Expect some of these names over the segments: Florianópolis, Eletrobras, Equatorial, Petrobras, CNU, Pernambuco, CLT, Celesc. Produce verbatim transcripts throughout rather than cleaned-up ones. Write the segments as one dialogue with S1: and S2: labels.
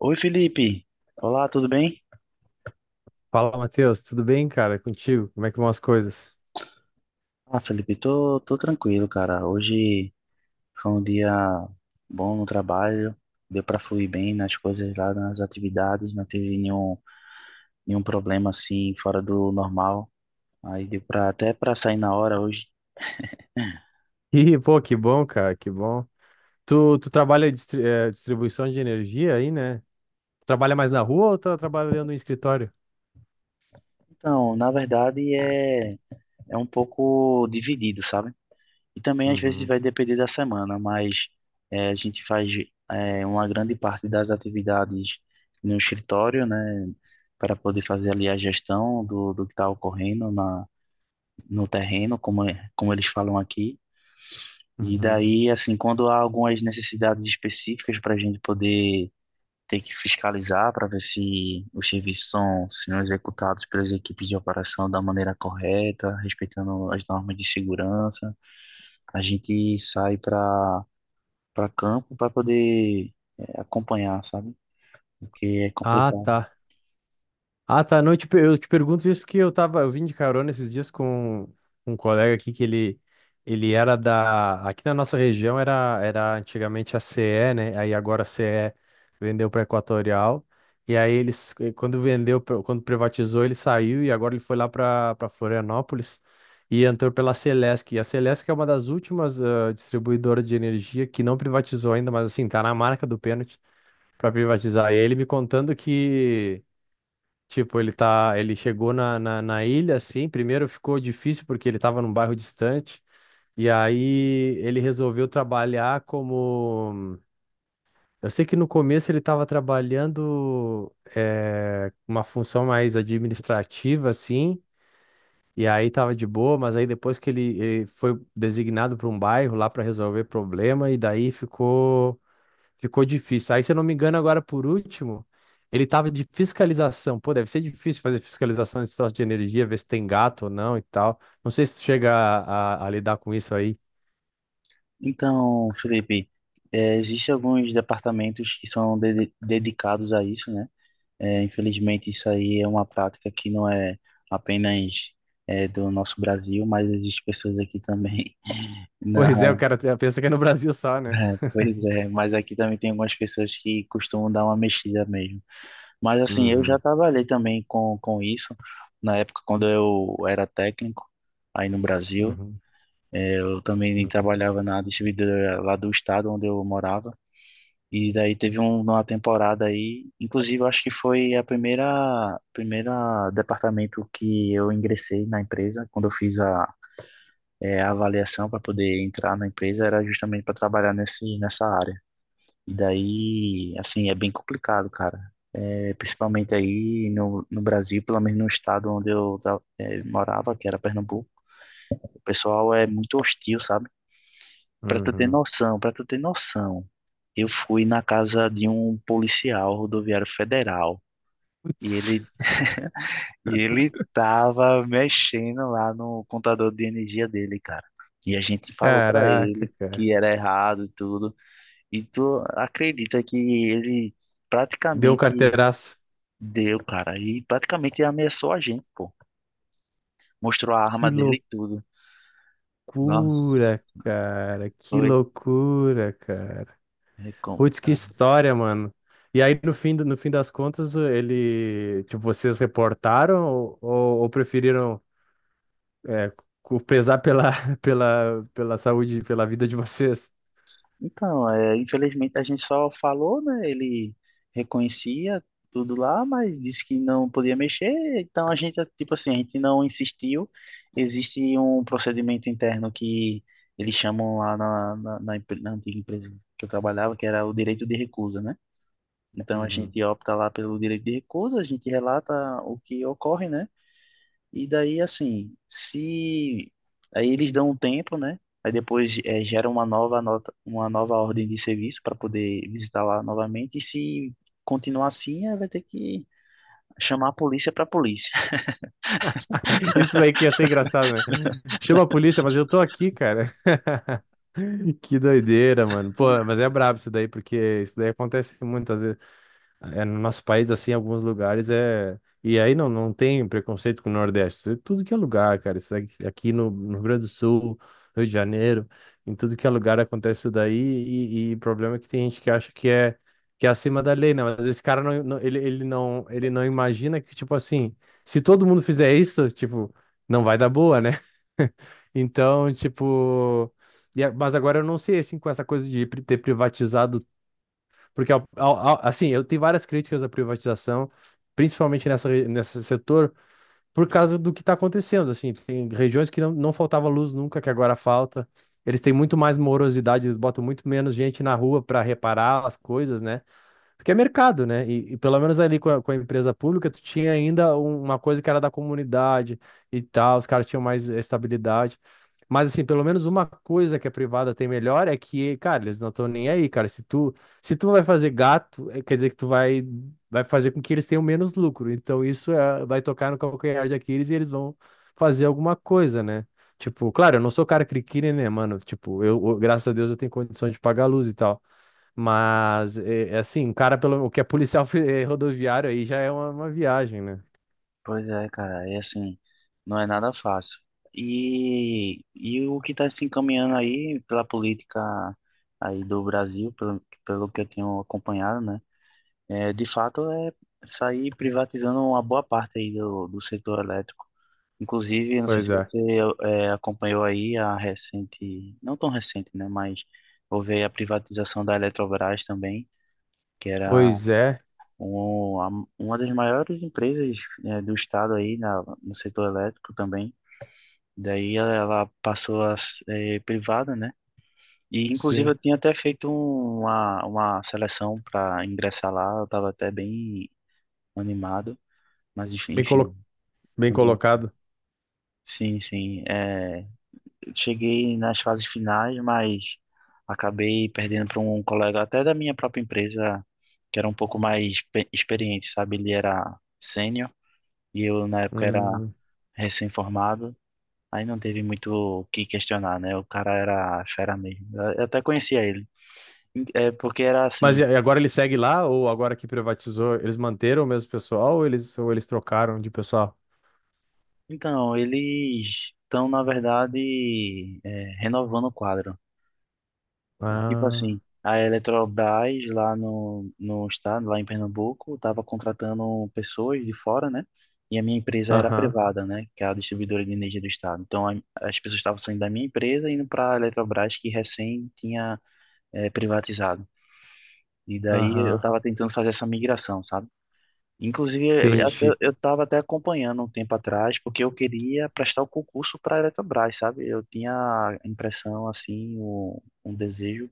S1: Oi, Felipe. Olá, tudo bem?
S2: Fala, Matheus, tudo bem, cara? Contigo? Como é que vão as coisas?
S1: Ah, Felipe, tô, tô tranquilo, cara. Hoje foi um dia bom no trabalho, deu pra fluir bem nas coisas lá, nas atividades, não teve nenhum, nenhum problema assim fora do normal. Aí deu pra, até pra sair na hora hoje.
S2: Ih, pô, que bom, cara, que bom. Tu, tu trabalha distri eh, distribuição de energia aí, né? Trabalha mais na rua ou tu trabalha dentro do escritório?
S1: Então, na verdade, é, é um pouco dividido, sabe? E também às vezes
S2: Uhum,
S1: vai depender da semana, mas eh, a gente faz eh, uma grande parte das atividades no escritório, né, para poder fazer ali a gestão do, do que está ocorrendo na, no terreno, como, é- como eles falam aqui. E
S2: uhum.
S1: daí, assim, quando há algumas necessidades específicas para a gente poder ter que fiscalizar para ver se os serviços são, são executados pelas equipes de operação da maneira correta, respeitando as normas de segurança, a gente sai para para campo para poder é, acompanhar, sabe? Porque é
S2: Ah,
S1: complicado.
S2: tá. Ah, tá. Não, eu te, per- eu te pergunto isso porque eu tava, eu vim de carona esses dias com um colega aqui que ele, ele era da, aqui na nossa região era, era antigamente a C E, né? Aí agora a C E vendeu para Equatorial. E aí eles, eh, quando vendeu, pra- quando privatizou, ele saiu e agora ele foi lá para para Florianópolis e entrou pela Celesc. E a Celesc é uma das últimas ah, distribuidoras de energia que não privatizou ainda, mas assim, tá na marca do pênalti para privatizar. E aí ele me contando que tipo, ele tá, ele chegou na, na, na ilha, assim, primeiro ficou difícil porque ele estava num bairro distante, e aí ele resolveu trabalhar como... Eu sei que no começo ele estava trabalhando eh, uma função mais administrativa, assim, e aí estava de boa, mas aí depois que ele, ele foi designado para um bairro lá para resolver problema, e daí ficou ficou difícil. Aí, se eu não me engano, agora por último, ele tava de fiscalização. Pô, deve ser difícil fazer fiscalização de sorte de energia, ver se tem gato ou não e tal. Não sei se chega a, a- a lidar com isso aí.
S1: Então, Felipe, é, existe alguns departamentos que são dede- dedicados a isso, né? É, infelizmente, isso aí é uma prática que não é apenas é, do nosso Brasil, mas existe pessoas aqui também.
S2: Pois é, o
S1: Na,
S2: cara te- pensa que é no Brasil só, né?
S1: é, pois é, mas aqui também tem algumas pessoas que costumam dar uma mexida mesmo. Mas assim, eu já
S2: Uhum,
S1: trabalhei também com, com isso, na época quando eu era técnico aí no Brasil.
S2: uhum,
S1: É, eu também trabalhava na distribuidora lá do estado onde eu morava. E daí teve um- uma temporada aí, inclusive eu acho que foi a primeira primeira departamento que eu ingressei na empresa, quando eu fiz a, é, a avaliação para poder entrar na empresa, era justamente para trabalhar nesse nessa área. E daí, assim, é bem complicado, cara. É, principalmente aí no, no Brasil, pelo menos no estado onde eu tra- é, morava, que era Pernambuco, o pessoal é muito hostil, sabe? Para tu ter
S2: uhum.
S1: noção, para tu ter noção, eu fui na casa de um policial rodoviário federal e
S2: Putz,
S1: ele e ele tava mexendo lá no contador de energia dele, cara. E a gente falou para
S2: caraca,
S1: ele
S2: cara.
S1: que era errado e tudo. E tu acredita que ele
S2: Deu um
S1: praticamente
S2: carteiraço.
S1: deu, cara, e praticamente ameaçou a gente, pô. Mostrou a arma
S2: Que
S1: dele e tudo. Nossa,
S2: loucura, cara. Que
S1: foi
S2: loucura, cara.
S1: é
S2: Putz, que
S1: complicado.
S2: história, mano. E aí, no fim, do- no fim das contas, ele, tipo, vocês reportaram ou, ou- ou preferiram é, cu- pesar pela, pela, pela saúde, pela vida de vocês?
S1: Então, é, infelizmente a gente só falou, né? Ele reconhecia tudo lá, mas disse que não podia mexer. Então a gente, tipo assim, a gente não insistiu. Existe um procedimento interno que eles chamam lá na, na, na empre- na antiga empresa que eu trabalhava, que era o direito de recusa, né? Então a
S2: Uhum.
S1: gente opta lá pelo direito de recusa, a gente relata o que ocorre, né? E daí, assim, se. Aí eles dão um tempo, né? Aí depois eh, gera uma nova nota, uma nova ordem de serviço para poder visitar lá novamente. E se continuar assim, aí vai ter que chamar a polícia para a polícia.
S2: Isso daí que ia ser engraçado, né? Chama a polícia, mas eu tô aqui, cara. Que doideira, mano. Pô, mas é brabo isso daí, porque isso daí acontece muitas vezes. É, no nosso país, assim, em alguns lugares é. E aí não, não tem preconceito com o Nordeste. Isso é tudo que é lugar, cara. Isso aqui aqui no, no Rio Grande do Sul, Rio de Janeiro, em tudo que é lugar acontece isso daí. E, e o problema é que tem gente que acha que é, que é acima da lei, né? Mas esse cara não, não- ele, ele não, ele não imagina que, tipo assim, se todo mundo fizer isso, tipo, não vai dar boa, né? Então, tipo. e a- mas agora eu não sei, assim, com essa coisa de pri- ter privatizado porque, ao- ao- ao- assim, eu tenho várias críticas à privatização, principalmente nessa, re- nesse setor, por causa do que está acontecendo. Assim, tem regiões que não, não faltava luz nunca, que agora falta. Eles têm muito mais morosidade, eles botam muito menos gente na rua para reparar as coisas, né? Porque é mercado, né? E, e pelo menos ali com a, com a empresa pública, tu tinha ainda um- uma coisa que era da comunidade e tal, os caras tinham mais estabilidade. Mas, assim, pelo menos uma coisa que a privada tem melhor é que, cara, eles não estão nem aí, cara. Se tu, se tu vai fazer gato, eh, quer dizer que tu vai, vai fazer com que eles tenham menos lucro. Então, isso é- vai tocar no calcanhar de Aquiles e eles vão fazer alguma coisa, né? Tipo, claro, eu não sou cara criqui, né, mano? Tipo, eu, eu- graças a Deus, eu tenho condição de pagar a luz e tal. Mas, é, é assim, um cara, pelo o que é policial fe- eh, rodoviário aí já é uma, uma viagem, né?
S1: Pois é, cara, é assim, não é nada fácil. E, e o que está se encaminhando aí pela política aí do Brasil, pelo, pelo que eu tenho acompanhado, né? É, de fato, é sair privatizando uma boa parte aí do, do setor elétrico. Inclusive, eu não sei se
S2: Pois é.
S1: você eh, acompanhou aí a recente, não tão recente, né? Mas houve aí a privatização da Eletrobras também, que era
S2: Pois é,
S1: um, a- uma das maiores empresas eh, do estado aí na, no setor elétrico também. Daí ela, ela passou a ser privada, né? E inclusive
S2: sim.
S1: eu tinha até feito uma, uma seleção para ingressar lá, eu estava até bem animado, mas enfim,
S2: Bem,
S1: enfim,
S2: colo... Bem
S1: também-
S2: colocado.
S1: sim, sim. é, cheguei nas fases finais, mas acabei perdendo para um colega até da minha própria empresa, que era um pouco mais pe- experiente, sabe? Ele era sênior e eu na época era
S2: Hum.
S1: recém-formado. Aí não teve muito o que questionar, né? O cara era fera mesmo. Eu até conhecia ele. É porque era
S2: Mas
S1: assim.
S2: e e agora ele segue lá, ou agora que privatizou, eles manteram o mesmo pessoal, ou eles, ou eles trocaram de pessoal?
S1: Então, eles estão, na verdade, é, renovando o quadro. Tipo
S2: Ah,
S1: assim, a Eletrobras lá no, no estado, lá em Pernambuco, estava contratando pessoas de fora, né? E a minha empresa era
S2: aham,
S1: privada, né? Que é a distribuidora de energia do estado. Então a- as pessoas estavam saindo da minha empresa e indo para a Eletrobras, que recém tinha eh, privatizado. E daí eu
S2: aham,
S1: estava tentando fazer essa migração, sabe? Inclusive, eu até-
S2: entendi.
S1: eu estava até acompanhando um tempo atrás, porque eu queria prestar o concurso para a Eletrobras, sabe? Eu tinha a impressão, assim, o, um desejo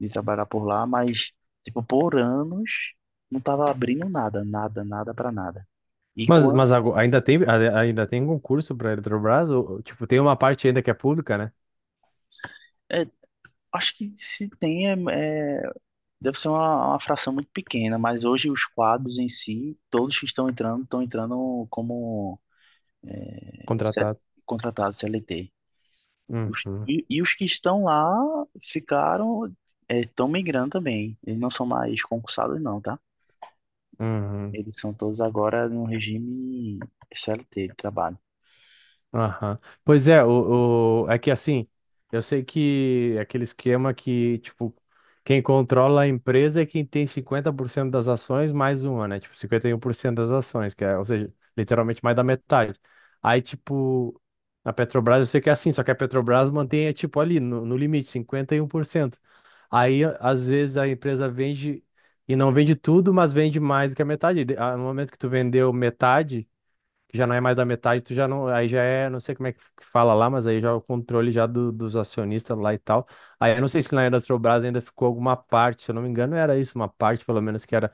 S1: de trabalhar por lá, mas, tipo, por anos não tava abrindo nada, nada, nada para nada. E
S2: Mas,
S1: quando.
S2: mas ago- ainda tem, a- ainda tem concurso para a Eletrobras? Ou, ou, tipo, tem uma parte ainda que é pública, né?
S1: É, acho que se tem, é, é, deve ser uma, uma fração muito pequena, mas hoje os quadros em si, todos que estão entrando, estão entrando como é, C-
S2: Contratado.
S1: contratados C L T. Os-
S2: Uhum,
S1: e, e os que estão lá ficaram, é, estão migrando também. Eles não são mais concursados, não, tá?
S2: uhum.
S1: Eles são todos agora no regime C L T de trabalho.
S2: Aham. Pois é, o, o- é que assim, eu sei que é aquele esquema que, tipo, quem controla a empresa é quem tem cinquenta por cento das ações mais uma, né? Tipo, cinquenta e um por cento das ações, que é, ou seja, literalmente mais da metade. Aí, tipo, na Petrobras eu sei que é assim, só que a Petrobras mantém, é, tipo, ali, no, no limite, cinquenta e um por cento. Aí, às vezes, a empresa vende e não vende tudo, mas vende mais do que a metade. E de- ah, no momento que tu vendeu metade que já não é mais da metade, tu já não, aí já é, não sei como é que que fala lá, mas aí já é o controle já do- dos acionistas lá e tal. Aí eu não sei se na Eletrobras ainda ficou alguma parte, se eu não me engano, era isso, uma parte pelo menos que era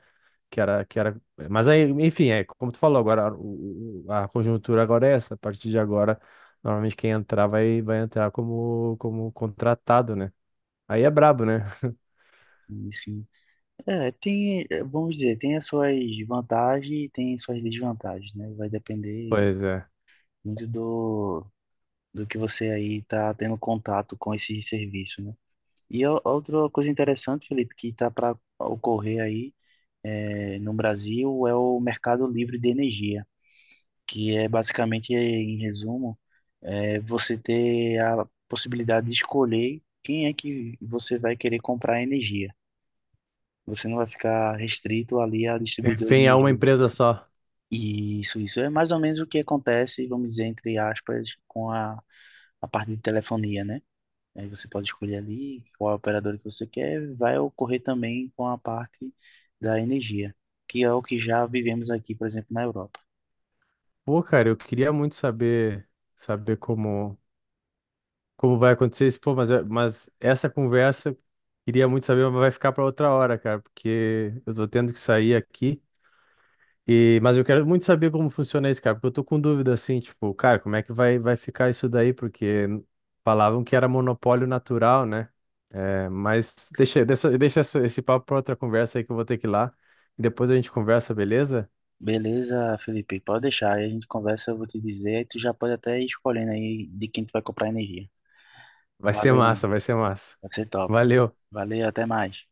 S2: que era que era, mas aí, enfim, é como tu falou agora, o- o- a conjuntura agora é essa, a partir de agora, normalmente quem entrar vai vai entrar como como contratado, né? Aí é brabo, né?
S1: Sim, sim. É, tem, é, vamos dizer, tem as suas vantagens e tem suas desvantagens, né? Vai depender
S2: Pois é.
S1: muito do, do que você aí tá tendo contato com esse serviço, né? E o- outra coisa interessante, Felipe, que tá para ocorrer aí é, no Brasil é o mercado livre de energia, que é basicamente, em resumo, é você ter a possibilidade de escolher quem é que você vai querer comprar energia. Você não vai ficar restrito ali a distribuidor de
S2: Refém a uma
S1: energia.
S2: empresa só.
S1: Isso, isso. É mais ou menos o que acontece, vamos dizer, entre aspas, com a, a parte de telefonia, né? Aí você pode escolher ali qual operador que você quer. Vai ocorrer também com a parte da energia, que é o que já vivemos aqui, por exemplo, na Europa.
S2: Pô, cara, eu queria muito saber saber como como vai acontecer isso, pô, mas, é- mas essa conversa queria muito saber, mas vai ficar para outra hora, cara, porque eu tô tendo que sair aqui. E, mas eu quero muito saber como funciona isso, cara, porque eu tô com dúvida assim, tipo, cara, como é que vai, vai ficar isso daí? Porque falavam que era monopólio natural, né? É, mas deixa, deixa, deixa essa- esse papo para outra conversa aí que eu vou ter que ir lá. E depois a gente conversa, beleza?
S1: Beleza, Felipe? Pode deixar. Aí a gente conversa, eu vou te dizer. Aí tu já pode até ir escolhendo aí de quem tu vai comprar energia.
S2: Vai ser
S1: Valeu, mano.
S2: massa, vai ser massa.
S1: Vai ser top.
S2: Valeu.
S1: Valeu, até mais.